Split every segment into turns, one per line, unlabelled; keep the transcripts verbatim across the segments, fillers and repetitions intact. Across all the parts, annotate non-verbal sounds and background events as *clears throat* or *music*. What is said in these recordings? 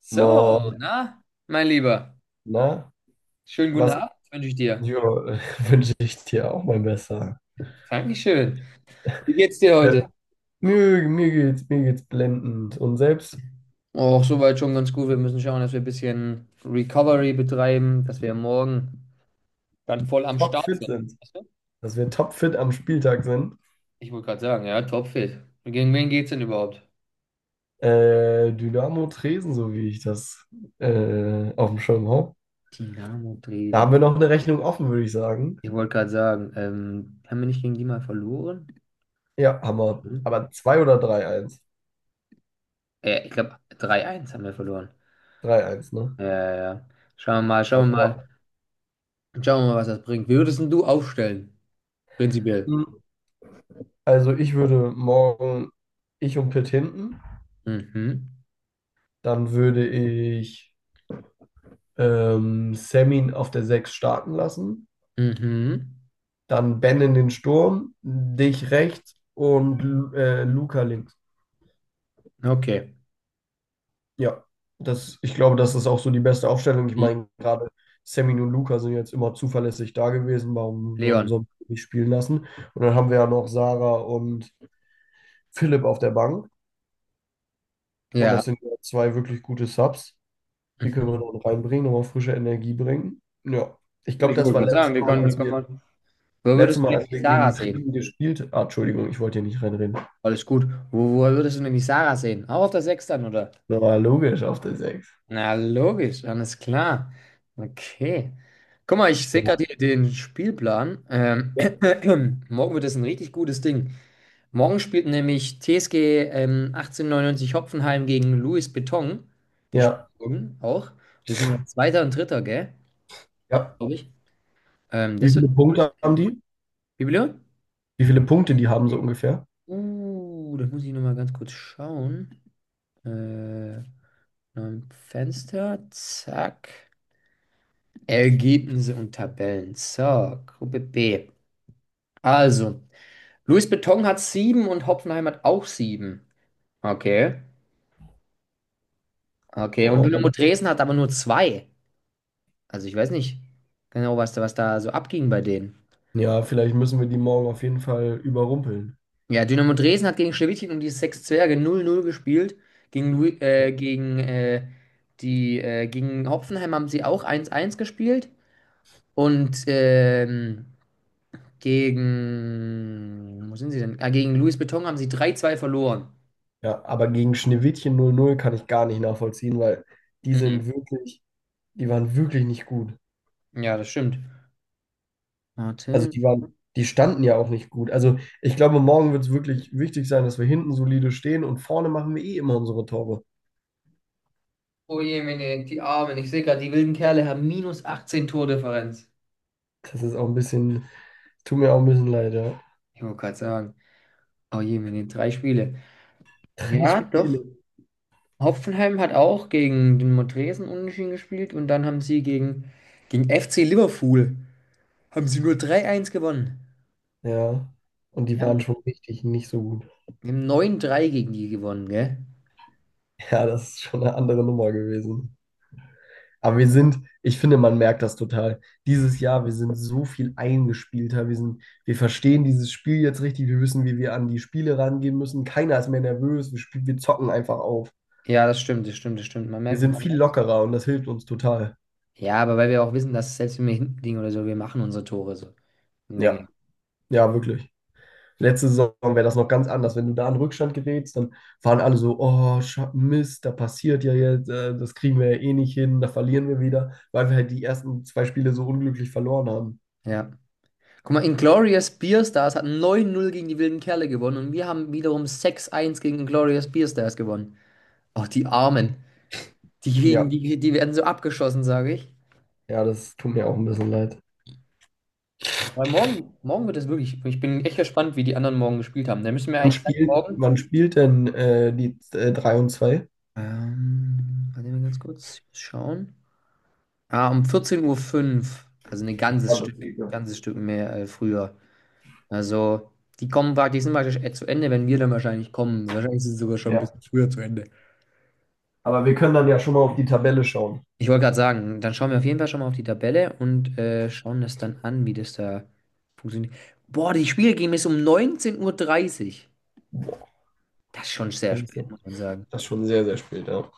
So,
Moin,
na, mein Lieber,
na,
schönen guten
was
Abend wünsche ich dir.
jo, *laughs* wünsche ich dir auch mal besser.
Dankeschön. Wie geht's dir
Äh,
heute?
mir, mir geht's, mir geht's blendend. Und selbst?
Auch soweit schon ganz gut. Wir müssen schauen, dass wir ein bisschen Recovery betreiben, dass wir morgen dann voll am Start
Topfit
sind.
sind,
Weißt du?
dass wir topfit am Spieltag sind.
Ich wollte gerade sagen, ja, topfit. Gegen wen geht's denn überhaupt?
Äh, Dynamo Dresden, so wie ich das äh, auf dem Schirm habe.
Dynamo
Da
Dresden.
haben wir noch eine Rechnung offen, würde ich sagen.
Ich wollte gerade sagen, ähm, haben wir nicht gegen die mal verloren?
Ja, haben wir.
Hm?
Aber zwei oder drei eins,
Äh, ich glaube, drei eins haben wir verloren.
drei eins, ne?
Ja, ja, ja. Schauen wir mal,
Ja,
schauen wir
klar.
mal. Schauen wir mal, was das bringt. Wie würdest denn du aufstellen? Prinzipiell.
Hm, Also ich würde morgen, ich und Pitt hinten,
Mhm.
dann würde ich ähm, Semin auf der sechs starten lassen,
Mhm.
dann Ben in den Sturm, dich rechts und Lu- äh, Luca links.
Okay.
Ja, das, ich glaube, das ist auch so die beste Aufstellung. Ich
Le-
meine, gerade Semin und Luca sind jetzt immer zuverlässig da gewesen. Warum, warum soll
Leon.
man die nicht spielen lassen? Und dann haben wir ja noch Sarah und Philipp auf der Bank. Und
Ja.
das sind ja zwei wirklich gute Subs. Die können wir dann reinbringen, nochmal frische Energie bringen. Ja, ich glaube,
Ich
das
wollte
war
gerade sagen,
letztes
wir
Mal,
können, wir
als
können
wir
mal. Wo würdest
letztes Mal,
du denn
als
die
wir
Sarah
gegen
sehen?
Trieben gespielt. Ah, Entschuldigung, ich wollte hier nicht reinreden.
Alles gut. Wo, wo würdest du denn die Sarah sehen? Auch auf der Sechs dann, oder?
Na, war logisch auf der sechs.
Na, logisch, alles klar. Okay. Guck mal, ich sehe gerade
Ja.
hier den Spielplan. Ähm,
Ja.
*clears throat* morgen wird es ein richtig gutes Ding. Morgen spielt nämlich T S G ähm, achtzehnhundertneunundneunzig Hopfenheim gegen Louis Beton. Die
Ja,
spielen morgen auch. Das sind ja Zweiter und Dritter, gell?
ja.
Glaube ich. Ähm,
Wie
das wird
viele
ein cooles
Punkte haben
Ding.
die?
Wie bitte?
Wie viele Punkte die haben so ungefähr?
Uh, das muss ich nochmal ganz kurz schauen. Äh, Neuen Fenster, zack. Ergebnisse und Tabellen. So, Gruppe B. Also, Louis Beton hat sieben und Hoffenheim hat auch sieben. Okay. Okay, und Dynamo
Und
Dresden hat aber nur zwei. Also, ich weiß nicht genau, was da, was da so abging bei denen.
ja, vielleicht müssen wir die morgen auf jeden Fall überrumpeln.
Ja, Dynamo Dresden hat gegen Schlewetin und die Sechs Zwerge null null gespielt. Gegen, Lu- äh, gegen, äh, die, äh, gegen Hoffenheim haben sie auch eins eins gespielt. Und ähm, gegen. Wo sind sie denn? Ah, gegen Louis Beton haben sie drei zwei verloren.
Ja, aber gegen Schneewittchen null null kann ich gar nicht nachvollziehen, weil die
Mhm.
sind wirklich, die waren wirklich nicht gut.
Ja, das stimmt.
Also
Warte.
die waren, die standen ja auch nicht gut. Also ich glaube, morgen wird es wirklich wichtig sein, dass wir hinten solide stehen und vorne machen wir eh immer unsere Tore.
Oh je, meine, die Armen. Ich sehe gerade, die wilden Kerle haben minus achtzehn Tordifferenz.
Das ist auch ein bisschen Tut mir auch ein bisschen leid, ja.
Ich wollte gerade sagen. Oh je, meine, drei Spiele.
Drei
Ja, doch.
Spiele.
Hoffenheim hat auch gegen den Montresen unentschieden gespielt und dann haben sie gegen, gegen F C Liverpool haben sie nur drei eins gewonnen.
Ja. Und die
Wir
waren
haben,
schon richtig nicht so gut.
wir haben neun drei gegen die gewonnen, gell?
Ja, das ist schon eine andere Nummer gewesen. Aber wir sind, ich finde, man merkt das total. Dieses Jahr, wir sind so viel eingespielter. Wir sind, wir verstehen dieses Spiel jetzt richtig. Wir wissen, wie wir an die Spiele rangehen müssen. Keiner ist mehr nervös. Wir spielen, wir zocken einfach auf.
Ja, das stimmt, das stimmt, das stimmt. Man
Wir
merkt, man
sind viel
merkt.
lockerer und das hilft uns total.
Ja, aber weil wir auch wissen, dass selbst wenn wir hinten liegen oder so, wir machen unsere Tore so. und
Ja,
Dinge.
ja, wirklich. Letzte Saison wäre das noch ganz anders. Wenn du da in Rückstand gerätst, dann waren alle so, oh, Scha- Mist, da passiert ja jetzt, äh, das kriegen wir ja eh nicht hin, da verlieren wir wieder, weil wir halt die ersten zwei Spiele so unglücklich verloren haben.
Ja. Guck mal, Inglourious Basterds hat neun null gegen die wilden Kerle gewonnen und wir haben wiederum sechs eins gegen Inglourious Basterds gewonnen. Ach, die Armen. Die, kriegen-
Ja,
die, die werden so abgeschossen, sage ich.
ja, das tut mir auch ein bisschen leid.
Weil morgen, morgen wird es wirklich, ich bin echt gespannt, wie die anderen morgen gespielt haben. Da müssen wir
Wann
eigentlich gleich
spielt,
morgen.
wann spielt denn äh, die äh, drei und zwei?
Ähm, warte mal ganz kurz, ich muss schauen. Ah, um vierzehn Uhr fünf, fünf, also ein ganzes
Ah, das
Stück,
geht ja.
ganzes Stück mehr äh, früher. Also, die kommen praktisch, sind praktisch äh, zu Ende, wenn wir dann wahrscheinlich kommen. Wahrscheinlich sind sie sogar schon ein
Ja.
bisschen früher zu Ende.
Aber wir können dann ja schon mal auf die Tabelle schauen.
Ich wollte gerade sagen, dann schauen wir auf jeden Fall schon mal auf die Tabelle und äh, schauen das dann an, wie das da funktioniert. Boah, die Spiele gehen bis um 19.30 Uhr. dreißig. Das ist schon sehr
Das ist
spät,
ja-
muss man sagen.
das ist schon sehr, sehr spät, ja.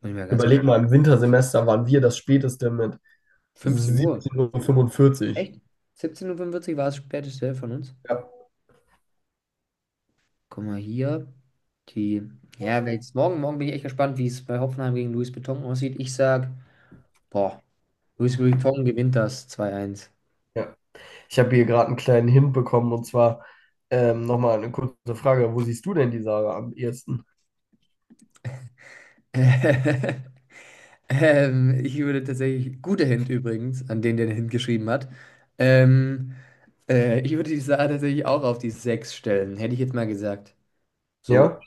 Muss ich mal ganz kurz.
Überleg mal, im Wintersemester waren wir das späteste mit
fünfzehn Uhr.
siebzehn Uhr fünfundvierzig fünfundvierzig.
Echt? 17.45 Uhr fünfundvierzig war das späteste von uns.
Ja.
Guck mal hier. Die. Ja, weil jetzt morgen, morgen bin ich echt gespannt, wie es bei Hoffenheim gegen Luis Beton aussieht. Ich sag, boah, Luis Beton gewinnt das zwei eins.
Ja. Ich habe hier gerade einen kleinen Hint bekommen und zwar ähm, nochmal eine kurze Frage. Wo siehst du denn die Sarah am ehesten?
*laughs* Ähm, ich würde tatsächlich, guter Hint übrigens, an den, der den Hint geschrieben hat. Ähm, äh, Ich würde die Sache tatsächlich auch auf die sechs stellen, hätte ich jetzt mal gesagt. So.
Ja?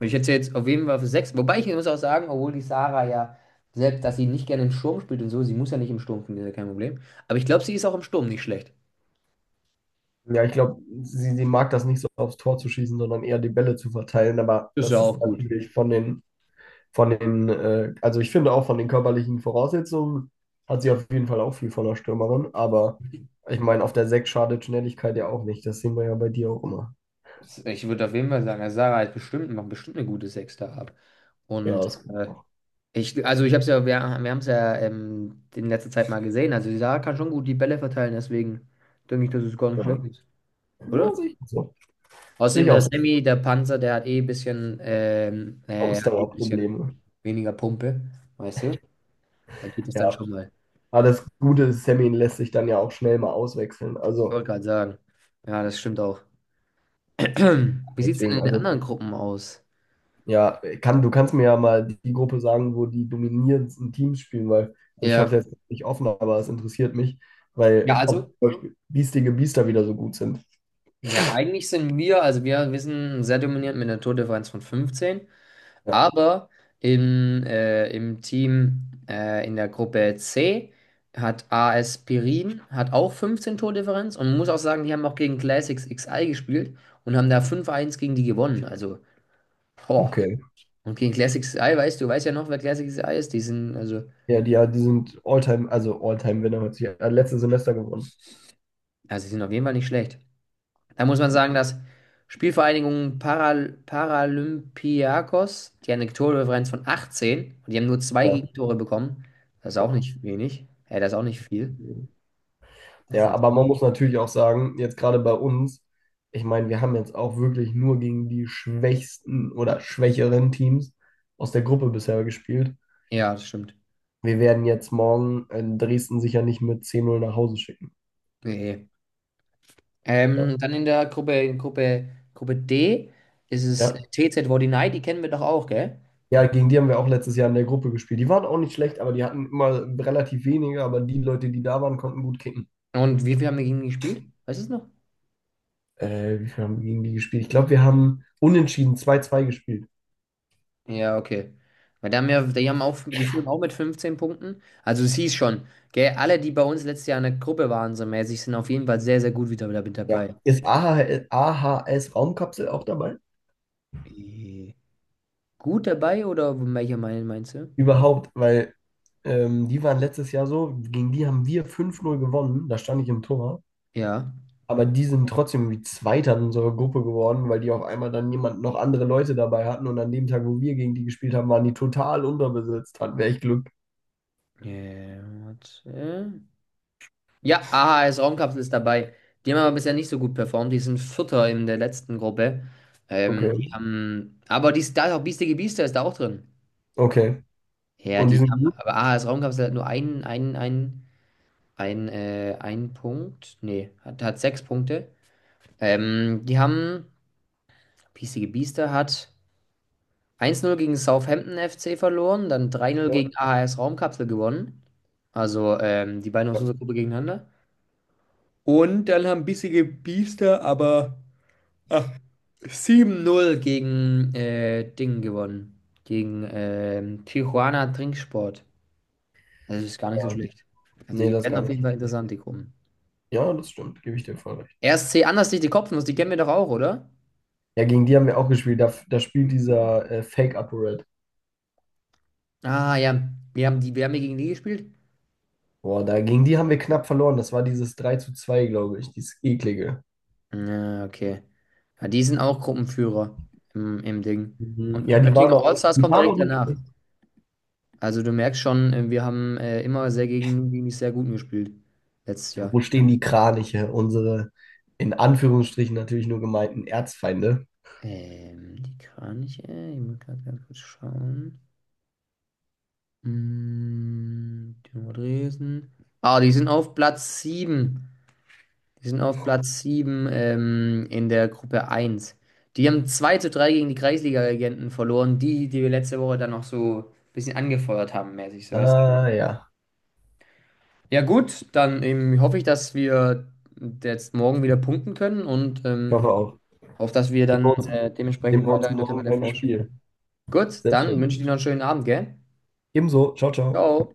Ich hätte sie jetzt auf jeden Fall für sechs. Wobei ich muss auch sagen, obwohl die Sarah ja, selbst dass sie nicht gerne im Sturm spielt und so, sie muss ja nicht im Sturm spielen, ist ja kein Problem. Aber ich glaube, sie ist auch im Sturm nicht schlecht.
Ja, ich glaube, sie, sie mag das nicht so, aufs Tor zu schießen, sondern eher die Bälle zu verteilen. Aber
Ist ja
das
auch
ist
gut.
natürlich von den, von den, äh, also ich finde auch von den körperlichen Voraussetzungen hat sie auf jeden Fall auch viel von der Stürmerin. Aber ich meine, auf der Sechs schadet Schnelligkeit ja auch nicht. Das sehen wir ja bei dir auch immer.
Ich würde auf jeden Fall sagen, also Sarah hat bestimmt, macht bestimmt eine gute Sechs da ab.
Ja,
Und
das
äh, ich, also ich habe es ja, wir, wir haben es ja ähm, in letzter Zeit mal gesehen. Also die Sarah kann schon gut die Bälle verteilen, deswegen denke ich, dass es gar nicht schlecht
ja,
ist, oder?
ja, sehe ich auch so. Sehe
Außerdem
ich
der
auch so.
Sammy, der Panzer, der hat eh ein bisschen, ähm, äh, hat eh ein bisschen
Ausdauerprobleme.
weniger Pumpe, weißt du? Da geht es dann
Ja.
schon mal.
Aber das Gute ist, Sammy lässt sich dann ja auch schnell mal auswechseln.
Ich
Also,
wollte gerade sagen. Ja, das stimmt auch. *clears throat* Wie sieht es denn
deswegen,
in den
also,
anderen Gruppen aus?
ja, kann, du kannst mir ja mal die Gruppe sagen, wo die dominierendsten Teams spielen, weil, also ich
Ja.
habe es jetzt nicht offen, aber es interessiert mich, weil,
Ja,
ob
also,
zum Beispiel biestige Biester wieder so gut sind.
ja, eigentlich sind wir, also wir, wir sind sehr dominierend mit einer Tordifferenz von fünfzehn,
Ja,
aber im, äh, im Team äh, in der Gruppe C hat A S Pirin hat auch fünfzehn Tordifferenz und man muss auch sagen, die haben auch gegen Classics elf gespielt und haben da fünf eins gegen die gewonnen. Also, boah.
okay.
Und gegen Classics elf, weißt du, weißt ja noch, wer Classics elf ist? Die sind, also.
Ja, die, ja, die sind Alltime, also Alltime-Winner, hat sich äh, letztes Semester gewonnen.
Also, sie sind auf jeden Fall nicht schlecht. Da muss man sagen, dass Spielvereinigung Paral Paralympiakos, die haben eine Tordifferenz von achtzehn und die haben nur zwei Mhm.
Ja,
Gegentore bekommen. Das ist auch
boah.
nicht wenig. Ja, das ist auch nicht viel. Das
Ja,
ist
aber man muss natürlich auch sagen, jetzt gerade bei uns, ich meine, wir haben jetzt auch wirklich nur gegen die schwächsten oder schwächeren Teams aus der Gruppe bisher gespielt.
ja, das stimmt.
Wir werden jetzt morgen in Dresden sicher nicht mit zehn zu null nach Hause schicken.
Nee, nee.
Ja.
Ähm, dann in der Gruppe, in Gruppe, Gruppe D ist es
Ja,
T Z Wordinei, die kennen wir doch auch, gell?
ja, gegen die haben wir auch letztes Jahr in der Gruppe gespielt. Die waren auch nicht schlecht, aber die hatten immer relativ wenige, aber die Leute, die da waren, konnten gut kicken.
Und wie viel haben wir gegen die gespielt? Weißt du es noch?
Äh, wie viel haben wir gegen die gespielt? Ich glaube, wir haben unentschieden zwei zwei gespielt.
Ja, okay. Weil da haben ja, die haben auch, die führen auch mit fünfzehn Punkten. Also es hieß schon, gell, alle, die bei uns letztes Jahr in der Gruppe waren, so mäßig, sind auf jeden Fall sehr, sehr gut wieder mit
Ja.
dabei.
Ist AHS, A H S Raumkapsel auch dabei?
Äh, Gut dabei oder welcher Meinung meinst du?
Überhaupt, weil ähm, die waren letztes Jahr so, gegen die haben wir fünf null gewonnen, da stand ich im Tor.
Ja.
Aber die sind trotzdem wie Zweiter in unserer Gruppe geworden, weil die auf einmal dann jemand noch andere Leute dabei hatten. Und an dem Tag, wo wir gegen die gespielt haben, waren die total unterbesetzt. Hatten wir echt Glück.
Äh, warte. Ja, A H S Raumkapsel ist dabei. Die haben aber bisher nicht so gut performt. Die sind Vierter in der letzten Gruppe. Ähm,
Okay,
die haben, aber die ist da ist auch Biestige Biester ist da auch drin.
okay.
Ja,
Und die
die
sind gut?
haben, aber A H S Raumkapsel hat nur einen, einen, einen. Ein, äh, ein Punkt. Nee, hat, hat sechs Punkte. Ähm, die haben, Piesige Biester hat eins null gegen Southampton F C verloren, dann drei null
Ja,
gegen A H S Raumkapsel gewonnen. Also ähm, die beiden aus
ja,
unserer Gruppe gegeneinander. Und dann haben Bissige Biester aber ah, sieben null gegen äh, Ding gewonnen. Gegen ähm, Tijuana Trinksport. Das ist gar nicht so
ja.
schlecht. Also
Nee,
die
das ist
werden
gar
auf
nicht
jeden
so
Fall
schlecht.
interessant, die Gruppen.
Ja, das stimmt, gebe ich dir voll recht.
R S C Anderslicht, die Kopfnuss, die kennen wir doch auch, oder?
Ja, gegen die haben wir auch gespielt. Da, da spielt dieser äh, Fake Upper Red.
Ah, ja. Wir haben die, wir haben ja gegen die gespielt?
Boah, da, gegen die haben wir knapp verloren. Das war dieses drei zu zwei, glaube ich, dieses eklige.
Ja, okay. Ja, die sind auch Gruppenführer im, im Ding.
Mhm. Ja,
Und
die waren
Oettinger
noch nicht,
Allstars
die
kommt
waren auch
direkt
nicht
danach.
schlecht.
Also du merkst schon, äh, wir haben äh, immer sehr gegen, gegen die sehr guten gespielt. Letztes Jahr.
Wo stehen die Kraniche? Unsere, in Anführungsstrichen natürlich nur gemeinten Erzfeinde.
Ähm, die Kraniche, ich muss gerade ganz kurz schauen. Mm, Dynamo Dresden. Ah, die sind auf Platz sieben. Die sind auf Platz sieben ähm, in der Gruppe eins. Die haben zwei zu drei gegen die Kreisliga-Regenten verloren, die, die wir letzte Woche dann noch so ein bisschen angefeuert haben, mäßig, so weißt du.
Ah, ja.
Ja, gut, dann ähm, hoffe ich, dass wir jetzt morgen wieder punkten können und
Ich
ähm,
hoffe auch.
hoffe, dass wir
Sehen
dann
wir uns,
äh,
sehen
dementsprechend
wir
weiter
uns
in der
morgen
Tabelle
beim
forschen.
Spiel.
Gut,
Sehr
dann
schön.
wünsche ich dir noch einen schönen Abend, gell?
Ebenso. Ciao, ciao.
Ciao.